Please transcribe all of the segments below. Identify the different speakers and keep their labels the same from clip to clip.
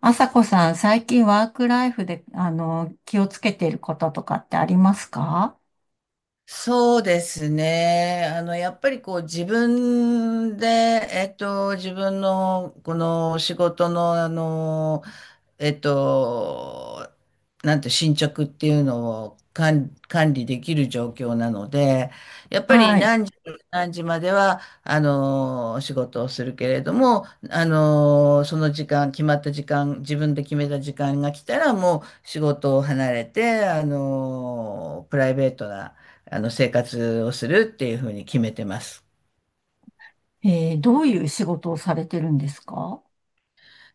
Speaker 1: あさこさん、最近ワークライフで、気をつけていることとかってありますか？
Speaker 2: そうですね。やっぱりこう自分で、自分のこの仕事の、えっと、なんて進捗っていうのを管理できる状況なので、やっぱ
Speaker 1: は
Speaker 2: り
Speaker 1: い。
Speaker 2: 何時までは、仕事をするけれども、その時間、決まった時間、自分で決めた時間が来たら、もう仕事を離れて、プライベートな、あの生活をするっていうふうに決めてます。
Speaker 1: えーどういう仕事をされてるんですか？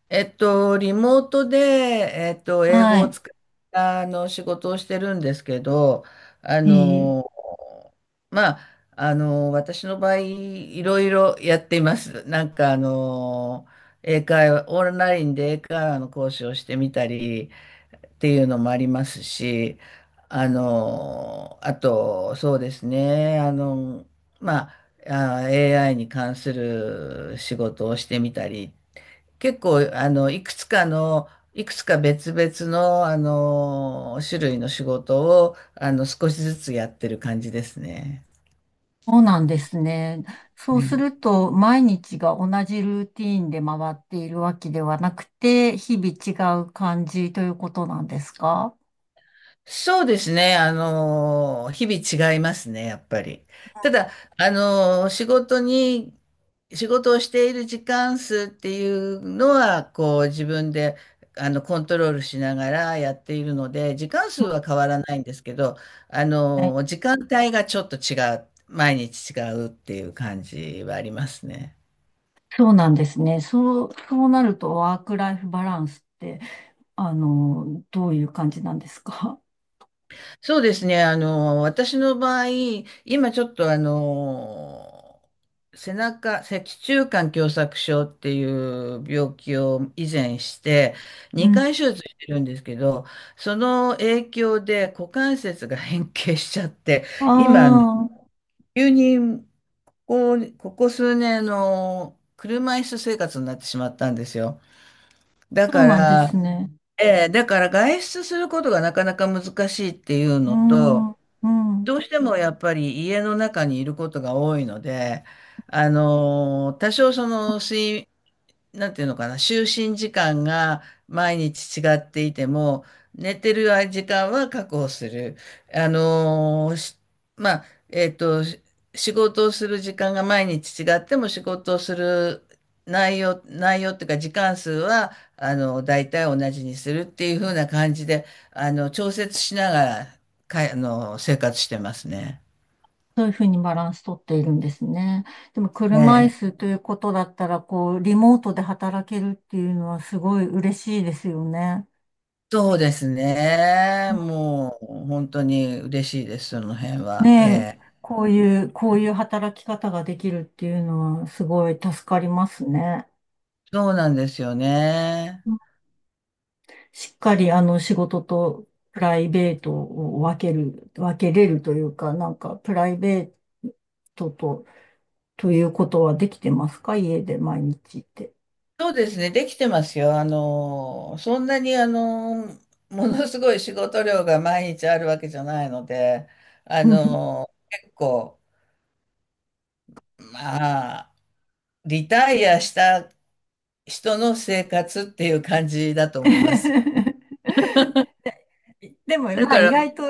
Speaker 2: リモートで、英語
Speaker 1: は
Speaker 2: を
Speaker 1: い。
Speaker 2: 使ったあの仕事をしてるんですけど、あ
Speaker 1: えー
Speaker 2: の、私の場合、いろいろやっています。英会話、オンラインで英会話の講師をしてみたりっていうのもありますし、あと、そうですね、まあ、あー AI に関する仕事をしてみたり結構、いくつか別々の、種類の仕事を、少しずつやってる感じですね。
Speaker 1: そうなんですね。そうす
Speaker 2: ね、
Speaker 1: ると、毎日が同じルーティーンで回っているわけではなくて、日々違う感じということなんですか？
Speaker 2: そうですね。あの、日々違いますね、やっぱり。ただ、あの、仕事に、仕事をしている時間数っていうのは、こう、自分で、コントロールしながらやっているので、時間数は変わらないんですけど、
Speaker 1: はい。
Speaker 2: 時間帯がちょっと違う、毎日違うっていう感じはありますね。
Speaker 1: そうなんですね。そうなると、ワークライフバランスって、どういう感じなんですか？
Speaker 2: そうですね。私の場合、今ちょっとあの、背中、脊柱管狭窄症っていう病気を以前して、
Speaker 1: うん。
Speaker 2: 2回手術してるんですけど、その影響で股関節が変形しちゃって、
Speaker 1: あ
Speaker 2: 今、
Speaker 1: あ。
Speaker 2: 急にこう、ここ数年の車椅子生活になってしまったんですよ。だ
Speaker 1: そう
Speaker 2: か
Speaker 1: なんで
Speaker 2: ら、
Speaker 1: すね。
Speaker 2: だから外出することがなかなか難しいっていう
Speaker 1: うー
Speaker 2: の
Speaker 1: ん、
Speaker 2: と、
Speaker 1: うん。
Speaker 2: どうしてもやっぱり家の中にいることが多いので、あの、多少その睡、なんていうのかな、就寝時間が毎日違っていても、寝てる時間は確保する。あのーしまあ、えっと、し仕事をする時間が毎日違っても仕事をする内容っていうか時間数は、大体同じにするっていう風な感じで、調節しながら、かい、あの、生活してますね。
Speaker 1: そういうふうにバランスとっているんですね。でも車椅
Speaker 2: ええ、
Speaker 1: 子ということだったら、こう、リモートで働けるっていうのはすごい嬉しいですよね。
Speaker 2: そうですね。もう本当に嬉しいです、その辺
Speaker 1: ね、
Speaker 2: は。え
Speaker 1: え、
Speaker 2: え。
Speaker 1: こういう、こういう働き方ができるっていうのはすごい助かりますね。
Speaker 2: そうなんですよね。
Speaker 1: うん。しっかりあの仕事とプライベートを分けれるというか、なんかプライベートと、ということはできてますか、家で毎日って。
Speaker 2: そうですね、できてますよ。あの、そんなにあの、ものすごい仕事量が毎日あるわけじゃないので、あ
Speaker 1: うん。
Speaker 2: の、結構、まあ、リタイアした人の生活っていう感じだと思います。
Speaker 1: でも、
Speaker 2: だ
Speaker 1: まあ、
Speaker 2: か
Speaker 1: 意
Speaker 2: ら、
Speaker 1: 外と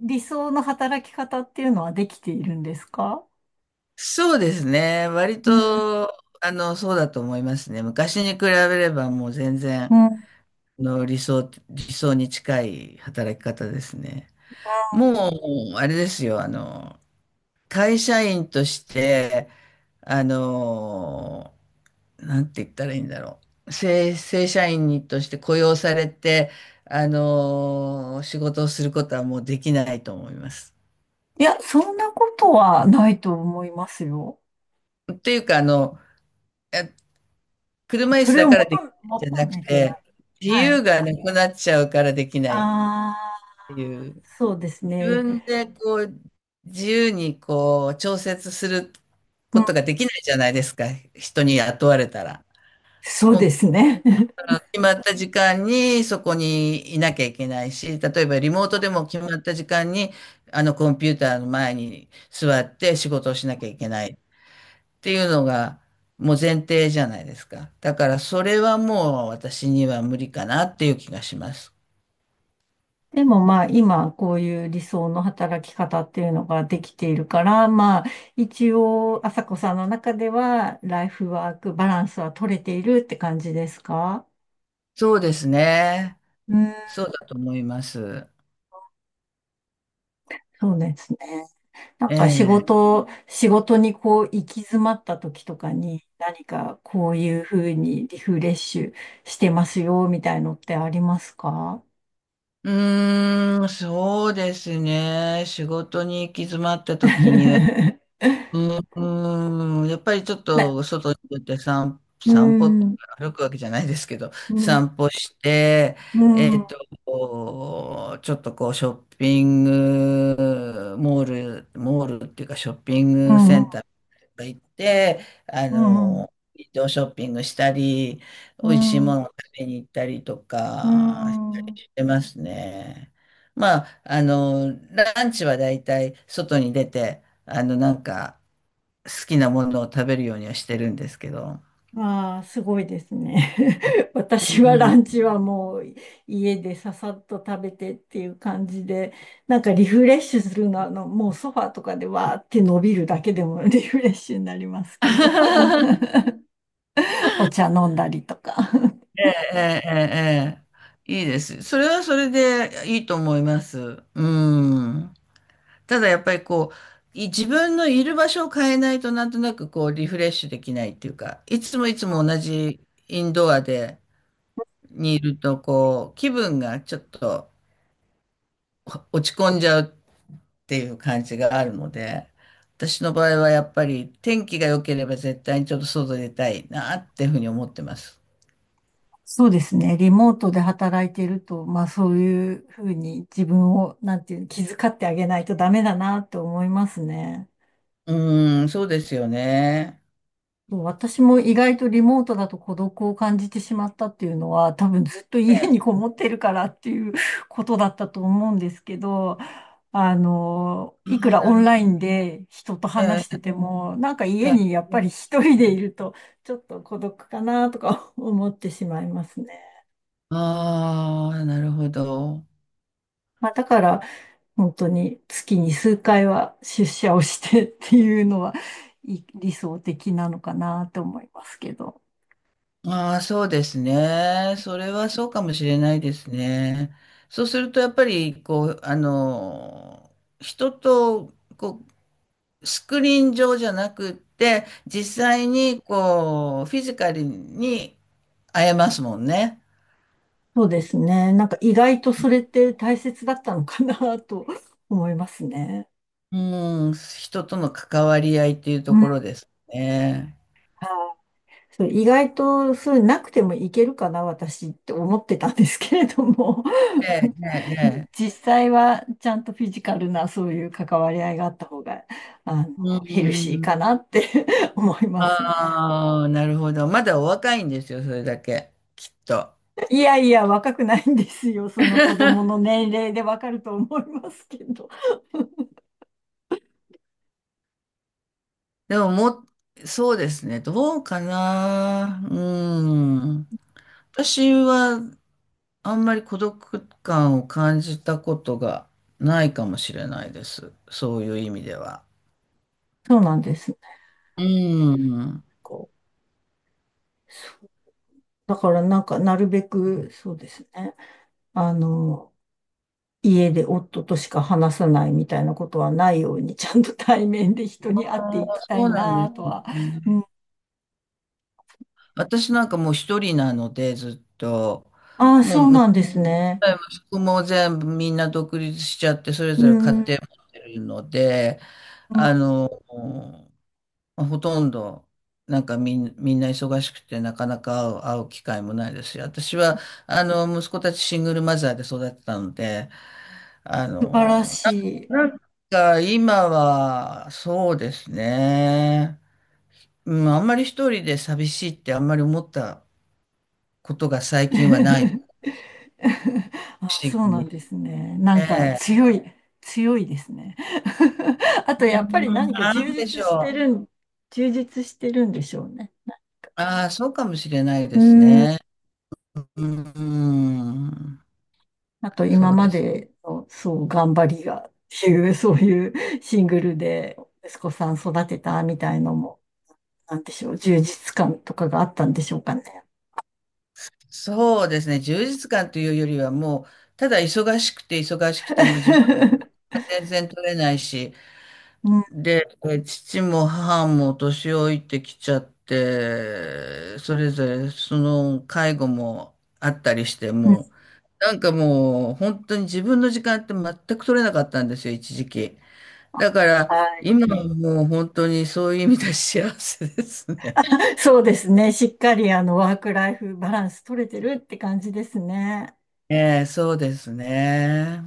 Speaker 1: 理想の働き方っていうのはできているんですか？
Speaker 2: そうですね。割
Speaker 1: うん、
Speaker 2: と、そうだと思いますね。昔に比べればもう全然、
Speaker 1: うん。
Speaker 2: 理想に近い働き方ですね。もう、あれですよ、会社員として、あの、なんて言ったらいいんだろう。正社員として雇用されて、仕事をすることはもうできないと思います。
Speaker 1: いや、そんなことはないと思いますよ。
Speaker 2: っていうか、
Speaker 1: あ、
Speaker 2: 車椅
Speaker 1: そ
Speaker 2: 子
Speaker 1: れ
Speaker 2: だ
Speaker 1: を
Speaker 2: からで
Speaker 1: 求
Speaker 2: き
Speaker 1: め、求
Speaker 2: ないんじゃなく
Speaker 1: めてな
Speaker 2: て、
Speaker 1: い。
Speaker 2: 自
Speaker 1: は
Speaker 2: 由
Speaker 1: い。
Speaker 2: がなくなっちゃうからできないっ
Speaker 1: あ
Speaker 2: ていう、
Speaker 1: あ、そうです
Speaker 2: 自
Speaker 1: ね。
Speaker 2: 分でこう、自由にこう、調節する
Speaker 1: う
Speaker 2: こ
Speaker 1: ん、
Speaker 2: とができないじゃないですか、人に雇われたら。
Speaker 1: そう
Speaker 2: も
Speaker 1: で
Speaker 2: う、
Speaker 1: すね。
Speaker 2: あの決まった時間にそこにいなきゃいけないし、例えばリモートでも決まった時間に、あのコンピューターの前に座って仕事をしなきゃいけない。っていうのがもう前提じゃないですか。だからそれはもう私には無理かなっていう気がします。
Speaker 1: でもまあ今こういう理想の働き方っていうのができているから、まあ一応朝子さんの中ではライフワークバランスは取れているって感じですか？
Speaker 2: そうですね。
Speaker 1: うん、
Speaker 2: そうだと思います。
Speaker 1: そうですね。なん
Speaker 2: え
Speaker 1: か仕
Speaker 2: え。
Speaker 1: 事、仕事にこう行き詰まった時とかに何かこういうふうにリフレッシュしてますよみたいのってありますか？
Speaker 2: うーん、そうですね。仕事に行き詰まった時に やっぱりちょっ
Speaker 1: な、
Speaker 2: と外に出て
Speaker 1: うー
Speaker 2: 散歩って
Speaker 1: ん、
Speaker 2: 歩くわけじゃないですけど、
Speaker 1: うん、
Speaker 2: 散歩して、
Speaker 1: うん、うん、
Speaker 2: ちょっとこうショッピングモール、モールっていうかショッピン
Speaker 1: う
Speaker 2: グセ
Speaker 1: ん、
Speaker 2: ンターとか行って、
Speaker 1: うん。
Speaker 2: ウィンドウショッピングしたり、
Speaker 1: う
Speaker 2: 美味しいも
Speaker 1: ん。
Speaker 2: のを食べに行ったりと
Speaker 1: うー
Speaker 2: かした
Speaker 1: ん。
Speaker 2: りしてますね。ランチはだいたい外に出て、好きなものを食べるようにはしてるんですけど。
Speaker 1: ああ、すごいですね。
Speaker 2: う
Speaker 1: 私は
Speaker 2: ん。
Speaker 1: ランチはもう家でささっと食べてっていう感じで、なんかリフレッシュするのは、もうソファーとかでわーって伸びるだけでも リフレッシュになりますけど、お茶飲んだりとか。
Speaker 2: ええ、ええ、ええ、いいです。それはそれでいいと思います。うん。ただやっぱりこう、自分のいる場所を変えないとなんとなくこうリフレッシュできないっていうか、いつもいつも同じインドアでにいるとこう、気分がちょっと落ち込んじゃうっていう感じがあるので、私の場合はやっぱり天気が良ければ絶対にちょっと外出たいなっていうふうに思ってます。
Speaker 1: そうですね。リモートで働いていると、まあそういうふうに自分を、なんていうの、気遣ってあげないとダメだなって思いますね。
Speaker 2: うーん、そうですよね。
Speaker 1: もう私も意外とリモートだと孤独を感じてしまったっていうのは、多分ずっと
Speaker 2: え
Speaker 1: 家
Speaker 2: え。あ
Speaker 1: にこもってるからっていうことだったと思うんですけど、
Speaker 2: あ、
Speaker 1: いくら
Speaker 2: な
Speaker 1: オン
Speaker 2: る
Speaker 1: ラ
Speaker 2: ほど。
Speaker 1: インで人と話し
Speaker 2: え
Speaker 1: てても、なんか
Speaker 2: え、
Speaker 1: 家に
Speaker 2: ええ。
Speaker 1: やっぱり一人でいると、ちょっと孤独かなとか思ってしまいますね。
Speaker 2: ああ、なるほど。
Speaker 1: まあ、だから、本当に月に数回は出社をしてっていうのは、い理想的なのかなと思いますけど。
Speaker 2: ああ、そうですね。それはそうかもしれないですね。そうすると、やっぱり、人と、こう、スクリーン上じゃなくって、実際に、こう、フィジカルに会えますもんね。
Speaker 1: そうですね。なんか意外とそれって大切だったのかな と思いますね。
Speaker 2: うん、人との関わり合いっていう
Speaker 1: う
Speaker 2: と
Speaker 1: ん。は
Speaker 2: ころ
Speaker 1: い。
Speaker 2: ですね。
Speaker 1: そう、意外とそういうなくてもいけるかな、私って思ってたんですけれども
Speaker 2: ええ、ええ、ええ。
Speaker 1: 実際はちゃんとフィジカルなそういう関わり合いがあった方が、あの、
Speaker 2: う
Speaker 1: ヘルシー
Speaker 2: ん。
Speaker 1: かなって 思いますね。
Speaker 2: ああ、なるほど。まだお若いんですよ、それだけ。きっと。
Speaker 1: いやいや、若くないんですよ。その子供の 年齢でわかると思いますけど。
Speaker 2: でもそうですね。どうかな。うん。私は、あんまり孤独感を感じたことがないかもしれないです。そういう意味では。
Speaker 1: そうなんですね。
Speaker 2: うん。
Speaker 1: こうだからなんか、なるべく、そうですね。あの、家で夫としか話さないみたいなことはないように、ちゃんと対面で人
Speaker 2: あ
Speaker 1: に会って
Speaker 2: ー、
Speaker 1: いきた
Speaker 2: そう
Speaker 1: い
Speaker 2: なんで
Speaker 1: な
Speaker 2: す
Speaker 1: とは。う
Speaker 2: ね。
Speaker 1: ん、
Speaker 2: 私なんかもう一人なので、ずっと、
Speaker 1: ああ、
Speaker 2: もう
Speaker 1: そう
Speaker 2: 息
Speaker 1: なんですね。
Speaker 2: 子や息子も全部みんな独立しちゃって、それ
Speaker 1: う
Speaker 2: ぞれ家
Speaker 1: ん、う
Speaker 2: 庭
Speaker 1: ん、
Speaker 2: 持ってるので、あの、ほとんど、なんかみん、みんな忙しくて、なかなか会う、会う機会もないですし、私は、息子たちシングルマザーで育ってたので、あ
Speaker 1: 素晴ら
Speaker 2: の、
Speaker 1: し
Speaker 2: ななんか今は、そうですね。うん、あんまり一人で寂しいってあんまり思ったことが最近はない、不
Speaker 1: い。あ、
Speaker 2: 思議
Speaker 1: そうなん
Speaker 2: に。
Speaker 1: ですね。な
Speaker 2: え
Speaker 1: んか
Speaker 2: え。
Speaker 1: 強い、強いですね。あとやっぱり何か
Speaker 2: なん
Speaker 1: 充
Speaker 2: でし
Speaker 1: 実して
Speaker 2: ょう。
Speaker 1: るん、充実してるんでしょうね。
Speaker 2: ああ、そうかもしれない
Speaker 1: う
Speaker 2: で
Speaker 1: ー
Speaker 2: す
Speaker 1: ん。
Speaker 2: ね。うん、
Speaker 1: あと
Speaker 2: そ
Speaker 1: 今
Speaker 2: う
Speaker 1: ま
Speaker 2: です。
Speaker 1: での、そう、頑張りがっていう、そういうシングルで息子さん育てたみたいのも、なんでしょう、充実感とかがあったんでしょうかね。
Speaker 2: そうですね。充実感というよりはもう、ただ忙しくて忙しくても自分 が全然取れないし、
Speaker 1: うん。
Speaker 2: で、父も母も年老いてきちゃって、それぞれその介護もあったりして、
Speaker 1: うん。
Speaker 2: もう、本当に自分の時間って全く取れなかったんですよ、一時期。だから、
Speaker 1: はい。
Speaker 2: 今はもう本当にそういう意味では幸せですね。
Speaker 1: そうですね。しっかりあのワークライフバランス取れてるって感じですね。
Speaker 2: ええ、そうですね。